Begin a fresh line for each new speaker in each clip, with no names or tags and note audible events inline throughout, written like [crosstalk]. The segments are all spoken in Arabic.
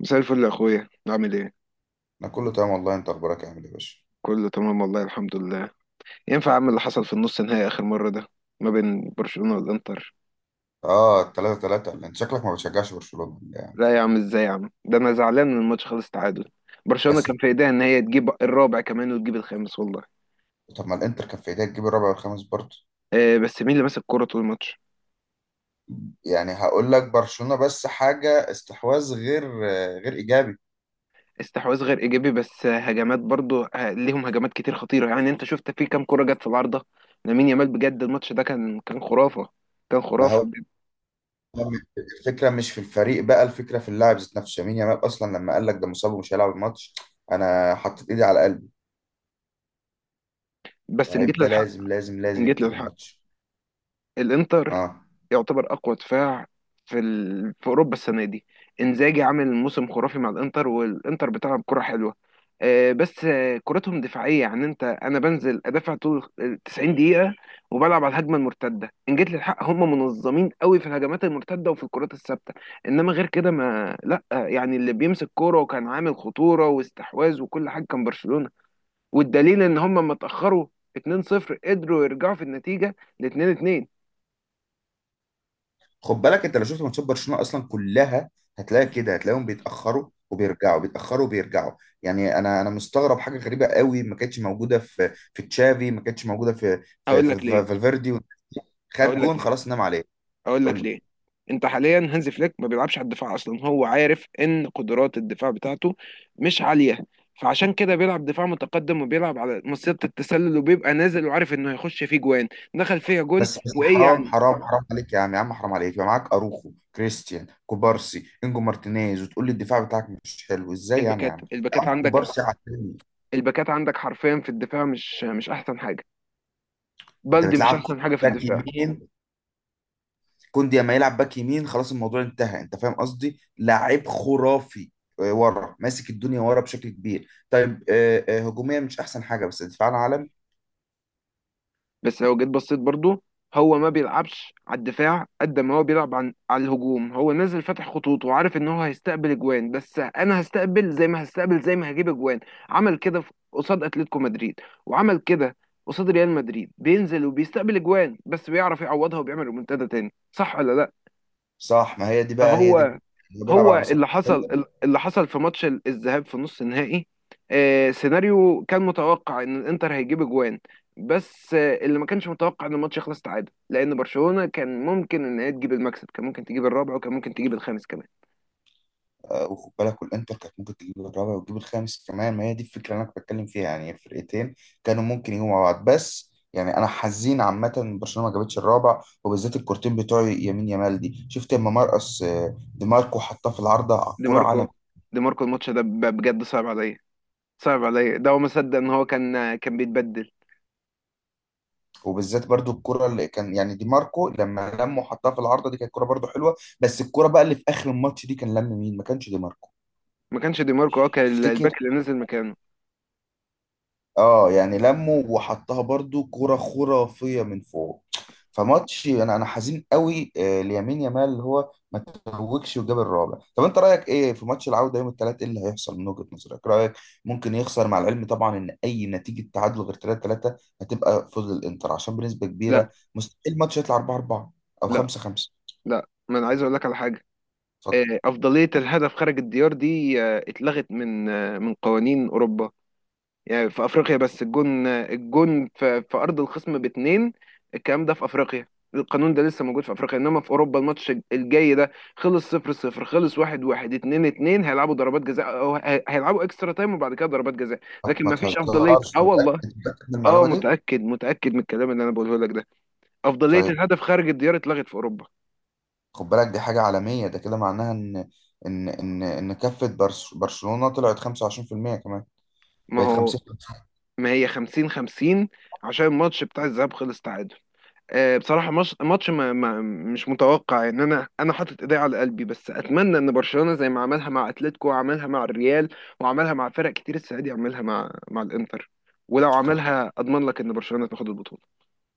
مساء الفل يا اخويا، عامل ايه؟
انا كله تمام والله. انت اخبارك عامل ايه يا باشا؟
كله تمام والله، الحمد لله. ينفع اعمل اللي حصل في النص النهائي اخر مره ده، ما بين برشلونه والانتر؟
اه، 3-3. انت شكلك ما بتشجعش برشلونة يعني.
لا يا عم، ازاي يا عم؟ ده انا زعلان من الماتش خالص. تعادل؟ برشلونه
بس،
كان في ايديها ان هي تجيب الرابع كمان وتجيب الخامس والله.
طب ما الانتر كان في ايديها تجيب الرابع والخامس برضه.
آه، بس مين اللي ماسك الكوره طول الماتش؟
يعني هقول لك برشلونة بس حاجة استحواذ غير ايجابي.
استحواذ غير ايجابي بس، هجمات برضو، ليهم هجمات كتير خطيره. يعني انت شفت في كام كوره جت في العارضه. لامين يامال بجد. الماتش ده كان خرافه، كان
ما
خرافه
هو
بجد.
الفكرة مش في الفريق بقى، الفكرة في اللاعب ذات نفسه، يمين يامال اصلا لما قال لك ده مصاب ومش هيلعب الماتش انا حطيت ايدي على قلبي.
بس ان جيت
لعيب ده
للحق،
لازم لازم لازم
ان جيت
يبتدي
للحق،
الماتش.
الانتر
اه.
يعتبر اقوى دفاع في اوروبا السنه دي. انزاجي عامل موسم خرافي مع الانتر، والانتر بتلعب كره حلوه. بس كرتهم دفاعيه. يعني انا بنزل ادافع طول ال 90 دقيقه، وبلعب على الهجمه المرتده. ان جيت للحق، هم منظمين قوي في الهجمات المرتده وفي الكرات الثابته. انما غير كده ما لا، يعني اللي بيمسك كوره وكان عامل خطوره واستحواذ وكل حاجه كان برشلونه. والدليل ان هم لما اتاخروا 2-0 قدروا يرجعوا في النتيجه ل 2-2.
خد بالك انت لو شفت ماتشات برشلونه اصلا كلها، هتلاقي كده، هتلاقيهم بيتاخروا وبيرجعوا، بيتاخروا وبيرجعوا. يعني انا مستغرب حاجه غريبه قوي، ما كانتش موجوده في تشافي، ما كانتش موجوده في في
اقول
في
لك ليه،
في- فالفيردي والناس دي. خد
اقول لك
جون
ليه،
خلاص نام عليه.
اقول
قول
لك
لي.
ليه. انت حاليا هانز فليك ما بيلعبش على الدفاع اصلا، هو عارف ان قدرات الدفاع بتاعته مش عاليه، فعشان كده بيلعب دفاع متقدم وبيلعب على مصيدة التسلل، وبيبقى نازل وعارف انه هيخش فيه جوان. دخل فيها جون.
بس بس
وايه
حرام
يعني؟
حرام حرام عليك يا عم، يا عم حرام عليك، يبقى معاك اروخو، كريستيان كوبارسي، انجو مارتينيز، وتقول لي الدفاع بتاعك مش حلو؟ ازاي يعني يا
الباكات
عم، يا
الباكات
عم
عندك،
كوبارسي على التاني.
الباكات عندك حرفيا في الدفاع مش احسن حاجه.
انت
بلدي مش
بتلعب
احسن حاجه في
باك
الدفاع.
يمين، كوندي اما يلعب باك يمين خلاص الموضوع انتهى، انت فاهم قصدي، لاعب خرافي. ورا ماسك الدنيا ورا بشكل كبير. طيب هجوميا مش احسن حاجه، بس دفاعنا عالم.
بس لو جيت بصيت برضو، هو ما بيلعبش على الدفاع قد ما هو بيلعب على الهجوم. هو نازل فاتح خطوط وعارف ان هو هيستقبل اجوان، بس انا هستقبل زي ما هجيب اجوان. عمل كده قصاد اتلتيكو مدريد، وعمل كده قصاد ريال مدريد، بينزل وبيستقبل اجوان بس بيعرف يعوضها وبيعمل ريمونتادا تاني، صح ولا لا؟
صح، ما هي دي بقى، هي دي
فهو،
اللي بيلعب
هو
على مصيدة.
اللي حصل، اللي حصل في ماتش الذهاب في نص النهائي. سيناريو كان متوقع ان الانتر هيجيب اجوان، بس اللي ما كانش متوقع ان الماتش يخلص تعادل، لان برشلونة كان ممكن ان هي تجيب المكسب، كان ممكن تجيب الرابع وكان ممكن تجيب الخامس كمان.
وخد بالك، والانتر كانت ممكن تجيب الرابع وتجيب الخامس كمان. ما هي دي الفكره اللي انا كنت بتكلم فيها، يعني الفرقتين كانوا ممكن يجوا مع بعض. بس يعني انا حزين عامه إن برشلونه ما جابتش الرابع، وبالذات الكورتين بتوع يمين يامال دي. شفت لما مرقص، دي ماركو حطها في العارضه، على
دي
الكوره عالم.
ماركو. دي ماركو الماتش ده بجد صعب عليا، صعب عليا. ده هو ما صدق ان هو كان بيتبدل.
وبالذات برضو الكرة اللي كان يعني دي ماركو لما لم وحطها في العارضة دي، كانت كرة برضو حلوة. بس الكرة بقى اللي في آخر الماتش دي كان لم مين؟ ما كانش دي ماركو؟
ما كانش دي ماركو، هو كان
تفتكر؟
الباك اللي نزل مكانه.
اه، يعني لمه وحطها برضو كرة خرافية من فوق. فماتش، انا حزين قوي ليمين يامال اللي هو ما توجش وجاب الرابع. طب انت رايك ايه في ماتش العودة يوم الثلاث؟ ايه اللي هيحصل من وجهة نظرك؟ إيه رايك؟ ممكن يخسر، مع العلم طبعا ان اي نتيجة تعادل غير 3-3 هتبقى فوز الانتر، عشان بنسبة
لا
كبيرة مستحيل الماتش يطلع 4-4 او
لا
5-5.
لا، ما انا عايز اقول لك على حاجة.
اتفضل.
أفضلية الهدف خارج الديار دي اتلغت من قوانين أوروبا. يعني في أفريقيا بس، الجون، في أرض الخصم باتنين، الكلام ده في أفريقيا. القانون ده لسه موجود في أفريقيا، إنما في أوروبا الماتش الجاي ده، خلص صفر صفر، خلص واحد واحد، اتنين اتنين، هيلعبوا ضربات جزاء، أو هيلعبوا إكسترا تايم وبعد كده ضربات جزاء.
ما
لكن
ما
مفيش أفضلية. سبحان
تهزرش، انت
الله والله.
متأكد؟ متأكد من
أه، سبحان الله.
المعلومة دي؟
متأكد، متأكد من الكلام اللي أنا بقوله لك ده. أفضلية
طيب.
الهدف خارج الديار اتلغت في أوروبا.
خد بالك دي حاجة عالمية، ده كده معناها ان كفة برشلونة طلعت 25% كمان.
ما
بقت
هو،
50.
ما هي 50 50. عشان الماتش بتاع الذهاب خلص تعادل. بصراحة مش ماتش ما ما مش متوقع. ان انا حاطط ايدي على قلبي، بس اتمنى ان برشلونة زي ما عملها مع اتلتيكو وعملها مع الريال وعملها مع فرق كتير السنة دي، يعملها مع الانتر. ولو
خد
عملها اضمن لك ان برشلونة تاخد البطولة.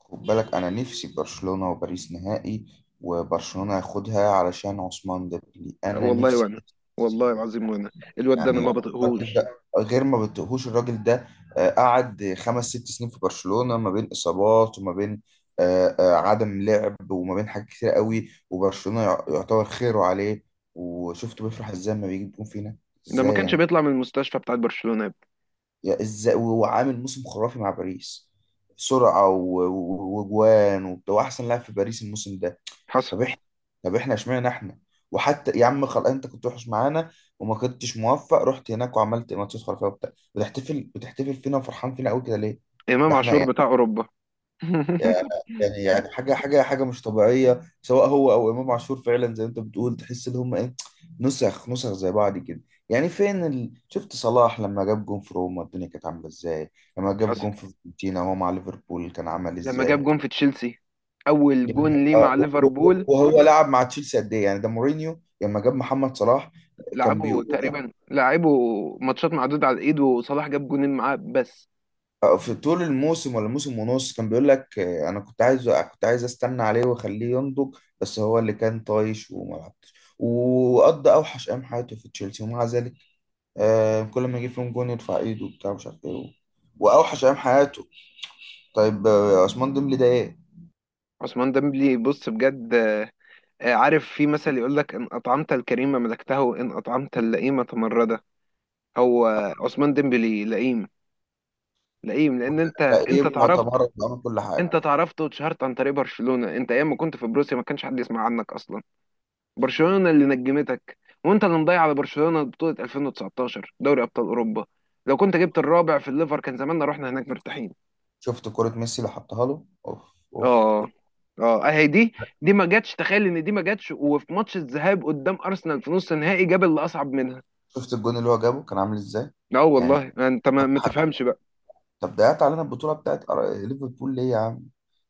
خد بالك، انا نفسي برشلونة وباريس نهائي، وبرشلونة ياخدها علشان عثمان ديمبلي. انا
والله
نفسي.
وانا، والله العظيم وانا، الواد ده انا
يعني
ما
الراجل
بطيقهوش.
ده غير، ما بتقهوش الراجل ده. قعد خمس ست سنين في برشلونة ما بين إصابات، وما بين عدم لعب، وما بين حاجات كتير قوي، وبرشلونة يعتبر خيره عليه. وشفته بيفرح ازاي لما بيجيب جون فينا.
ده ما
ازاي
كانش
يعني؟
بيطلع من المستشفى بتاعت برشلونة يا ابني.
يا ازاي وهو عامل موسم خرافي مع باريس؟ سرعة وجوان وبتاع، واحسن لاعب في باريس الموسم ده.
حصل.
طب احنا طب احنا اشمعنى احنا؟ وحتى يا عم خلاص، انت كنت وحش معانا وما كنتش موفق، رحت هناك وعملت ماتشات خرافيه وبتاع، بتحتفل فينا وفرحان فينا قوي كده ليه؟ ده
امام
احنا
عاشور
يعني
بتاع اوروبا. [laughs]
يعني يعني حاجه مش طبيعيه، سواء هو او امام عاشور فعلا زي ما انت بتقول. تحس ان هم ايه؟ نسخ نسخ زي بعض كده. يعني فين شفت صلاح لما جاب جون في روما الدنيا كانت عامله ازاي؟ لما جاب
حصل.
جون في فيورنتينا وهو مع ليفربول كان عمل
لما جاب
ازاي؟
جون في تشيلسي، اول جون ليه مع ليفربول.
وهو لعب مع تشيلسي قد ايه يعني؟ ده مورينيو لما جاب محمد صلاح كان
لعبه
بيقول
تقريبا، لعبه، ماتشات معدودة على الايد. وصلاح جاب جونين معاه بس.
في طول الموسم ولا موسم ونص، كان بيقول لك انا كنت عايز استنى عليه واخليه ينضج، بس هو اللي كان طايش وما لعبش. وقضى اوحش ايام حياته في تشيلسي، ومع ذلك كل ما يجيب فيهم جون يرفع ايده وبتاع مش عارف ايه. واوحش ايام حياته. طيب عثمان ديمبلي ده ايه؟
عثمان ديمبلي بص بجد. عارف في مثل يقول لك ان اطعمت الكريم ملكته وان اطعمت اللئيم تمرده. هو عثمان ديمبلي لئيم. لئيم لان انت
مترقب
تعرفت،
وتمرد وعمل كل حاجه.
انت تعرفت واتشهرت عن طريق برشلونة. انت ايام ما كنت في بروسيا ما كانش حد يسمع عنك اصلا. برشلونة اللي نجمتك، وانت اللي مضيع على برشلونة بطولة 2019 دوري ابطال اوروبا. لو كنت جبت الرابع في الليفر كان زماننا رحنا هناك مرتاحين.
شفت كرة ميسي اللي حطها له؟ اوف. اوف.
اه، اه، اهي دي. دي ما جاتش. تخيل ان دي ما جاتش، وفي ماتش الذهاب قدام ارسنال في نص النهائي جاب اللي اصعب منها.
شفت الجون اللي هو جابه كان عامل ازاي؟
اه
يعني
والله، انت
حط
ما
حاجة.
تفهمش بقى.
طب ده علينا البطوله بتاعت ليفربول ليه يا عم؟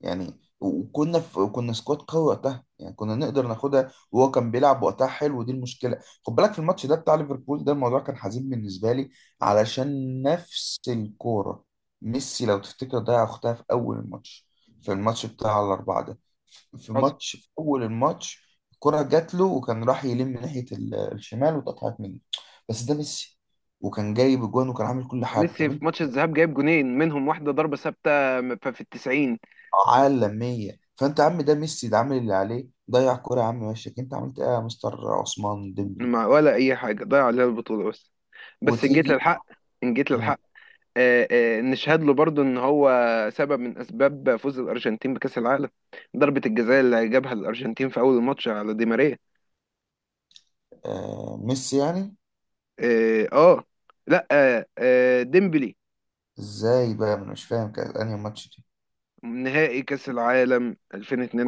يعني وكنا في كنا سكواد قوي وقتها، يعني كنا نقدر ناخدها، وهو كان بيلعب وقتها حلو ودي المشكله. خد بالك في الماتش ده بتاع ليفربول، ده الموضوع كان حزين بالنسبه لي، علشان نفس الكوره، ميسي لو تفتكر ضيع اختها في اول الماتش، في الماتش بتاع الاربعه ده.
حصل.
في اول الماتش الكره جات له وكان راح يلم من ناحيه الشمال واتقطعت منه. بس ده ميسي، وكان جايب اجوان وكان عامل كل حاجه. طب
ميسي في ماتش الذهاب جايب جونين منهم، واحده ضربه ثابته في التسعين.
عالمية، فأنت يا عم ده ميسي ده عامل اللي عليه ضيع كرة يا عم، وشك أنت عملت إيه يا مستر عثمان ديمبلي؟
ما ولا اي حاجه ضيع عليها البطوله بس. بس ان جيت
وتيجي.
للحق، ان جيت
مم.
للحق، نشهد له برضو ان هو سبب من اسباب فوز الارجنتين بكاس العالم. ضربة الجزاء اللي جابها الارجنتين في اول الماتش على دي ماريا.
آه ميسي يعني؟
اه، لا، ديمبلي.
إزاي بقى، أنا مش فاهم كان أنهي ماتش دي؟
نهائي كاس العالم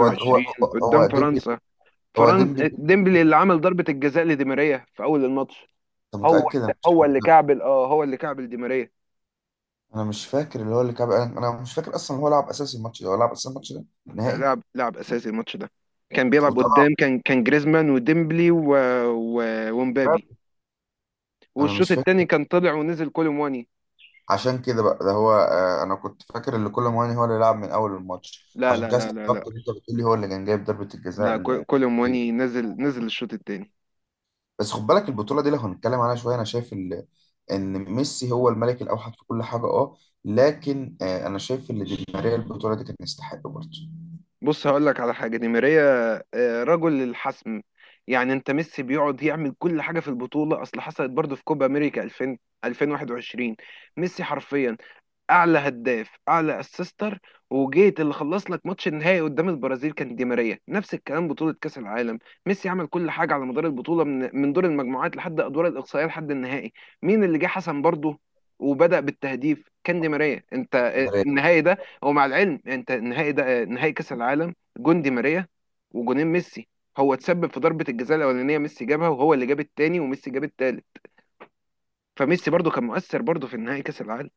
هو هو. هو
قدام
ديمبلي؟
فرنسا.
هو
فرنسا،
ديمبلي؟
ديمبلي اللي عمل ضربة الجزاء لدي ماريا في اول الماتش.
أنت
هو
متأكد؟ أنا مش.
هو اللي كعبل دي ماريا.
أنا مش فاكر اللي هو اللي كعب، أنا مش فاكر أصلا هو لعب أساسي الماتش ده. هو لعب أساسي الماتش ده نهائي؟
لعب اساسي الماتش ده. كان بيلعب
وطلع
قدام، كان جريزمان وديمبلي و...
باب.
ومبابي.
أنا
والشوط
مش فاكر.
التاني كان طلع ونزل كولومواني.
عشان كده بقى ده هو. انا كنت فاكر ان كل مواني هو اللي لعب من اول الماتش،
لا
عشان
لا
كده
لا لا لا،
استغربت ان انت بتقولي هو اللي كان جايب ضربة الجزاء
لا كولومواني
ليه.
نزل، نزل الشوط التاني.
بس خد بالك البطولة دي لو هنتكلم عنها شوية، انا شايف ان ميسي هو الملك الاوحد في كل حاجة. اه. لكن انا شايف ان دي ماريا البطولة دي كان يستحق برضه.
بص هقول لك على حاجة. دي ماريا رجل الحسم. يعني انت ميسي بيقعد يعمل كل حاجة في البطولة، اصل حصلت برضه في كوبا امريكا 2000، 2021. ميسي حرفيا اعلى هداف، اعلى اسيستر. وجيت اللي خلص لك ماتش النهائي قدام البرازيل كان دي ماريا. نفس الكلام بطولة كأس العالم. ميسي عمل كل حاجة على مدار البطولة من دور المجموعات لحد ادوار الاقصائية لحد النهائي. مين اللي جه حسن برضه وبدأ بالتهديف؟ كان دي ماريا. انت النهائي ده، هو مع العلم انت النهائي ده نهائي كأس العالم، جون دي ماريا وجونين ميسي. هو اتسبب في ضربة الجزاء الأولانية، ميسي جابها، وهو اللي جاب التاني، وميسي جاب التالت. فميسي برضه كان مؤثر برضه في النهائي كأس العالم.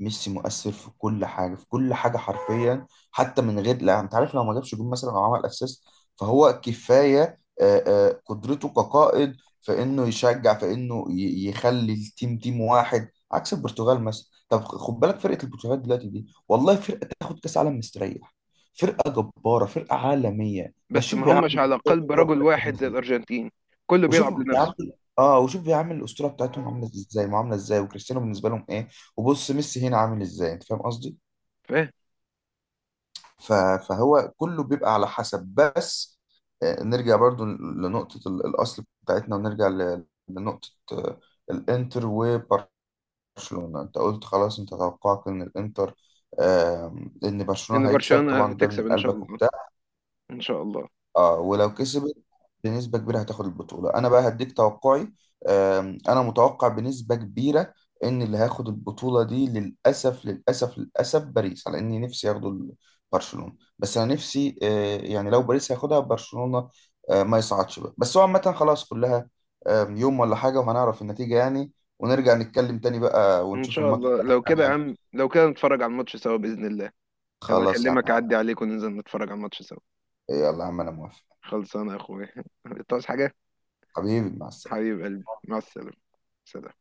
ميسي مؤثر في كل حاجه، في كل حاجه حرفيا، حتى من غير، لا انت عارف، لو ما جابش جون مثلا او عمل اسيست فهو كفايه قدرته كقائد، في انه يشجع، في انه يخلي التيم تيم واحد، عكس البرتغال مثلا. طب خد بالك فرقه البرتغال دلوقتي دي والله فرقه تاخد كاس عالم مستريح، فرقه جباره، فرقه عالميه، بس
بس
شوف
ما
بيعمل.
همش على قلب رجل واحد زي الأرجنتين، كله
وشوف
بيلعب لنفسه.
بيعامل اه وشوف بيعامل الاسطوره بتاعتهم عامله ازاي، معامله ازاي، وكريستيانو بالنسبه لهم ايه. وبص ميسي هنا عامل ازاي، انت فاهم قصدي.
فاهم.
ف... فهو كله بيبقى على حسب. بس نرجع برضو لنقطه الاصل بتاعتنا، ونرجع لنقطه الانتر وبرشلونه. انت قلت خلاص، انت توقعك ان الانتر آه، ان برشلونه
لأن
هيكسب،
برشلونة
طبعا ده من
هتكسب إن شاء
قلبك
الله.
وبتاع.
إن شاء الله.
اه، ولو كسبت بنسبة كبيرة هتاخد البطولة. انا بقى هديك توقعي. انا متوقع بنسبة كبيرة ان اللي هياخد البطولة دي للأسف للأسف للأسف باريس، على اني نفسي ياخدوا برشلونة. بس انا نفسي يعني لو باريس هياخدها برشلونة ما يصعدش بقى. بس هو عامة خلاص كلها. يوم ولا حاجة وهنعرف النتيجة يعني. ونرجع نتكلم تاني بقى
إن
ونشوف
شاء
الماتش
الله
ده.
لو كده يا
تمام.
عم، لو كده نتفرج على الماتش سوا بإذن الله. هبقى
خلاص يا
أكلمك،
عم.
أعدي عليك وننزل نتفرج على الماتش سوا.
يلا يا عم، انا موافق.
خلصانة يا أخويا. [laughs] أنت عاوز حاجة؟
حبيبي، مع السلامة.
حبيب قلبي مع السلامة. سلام.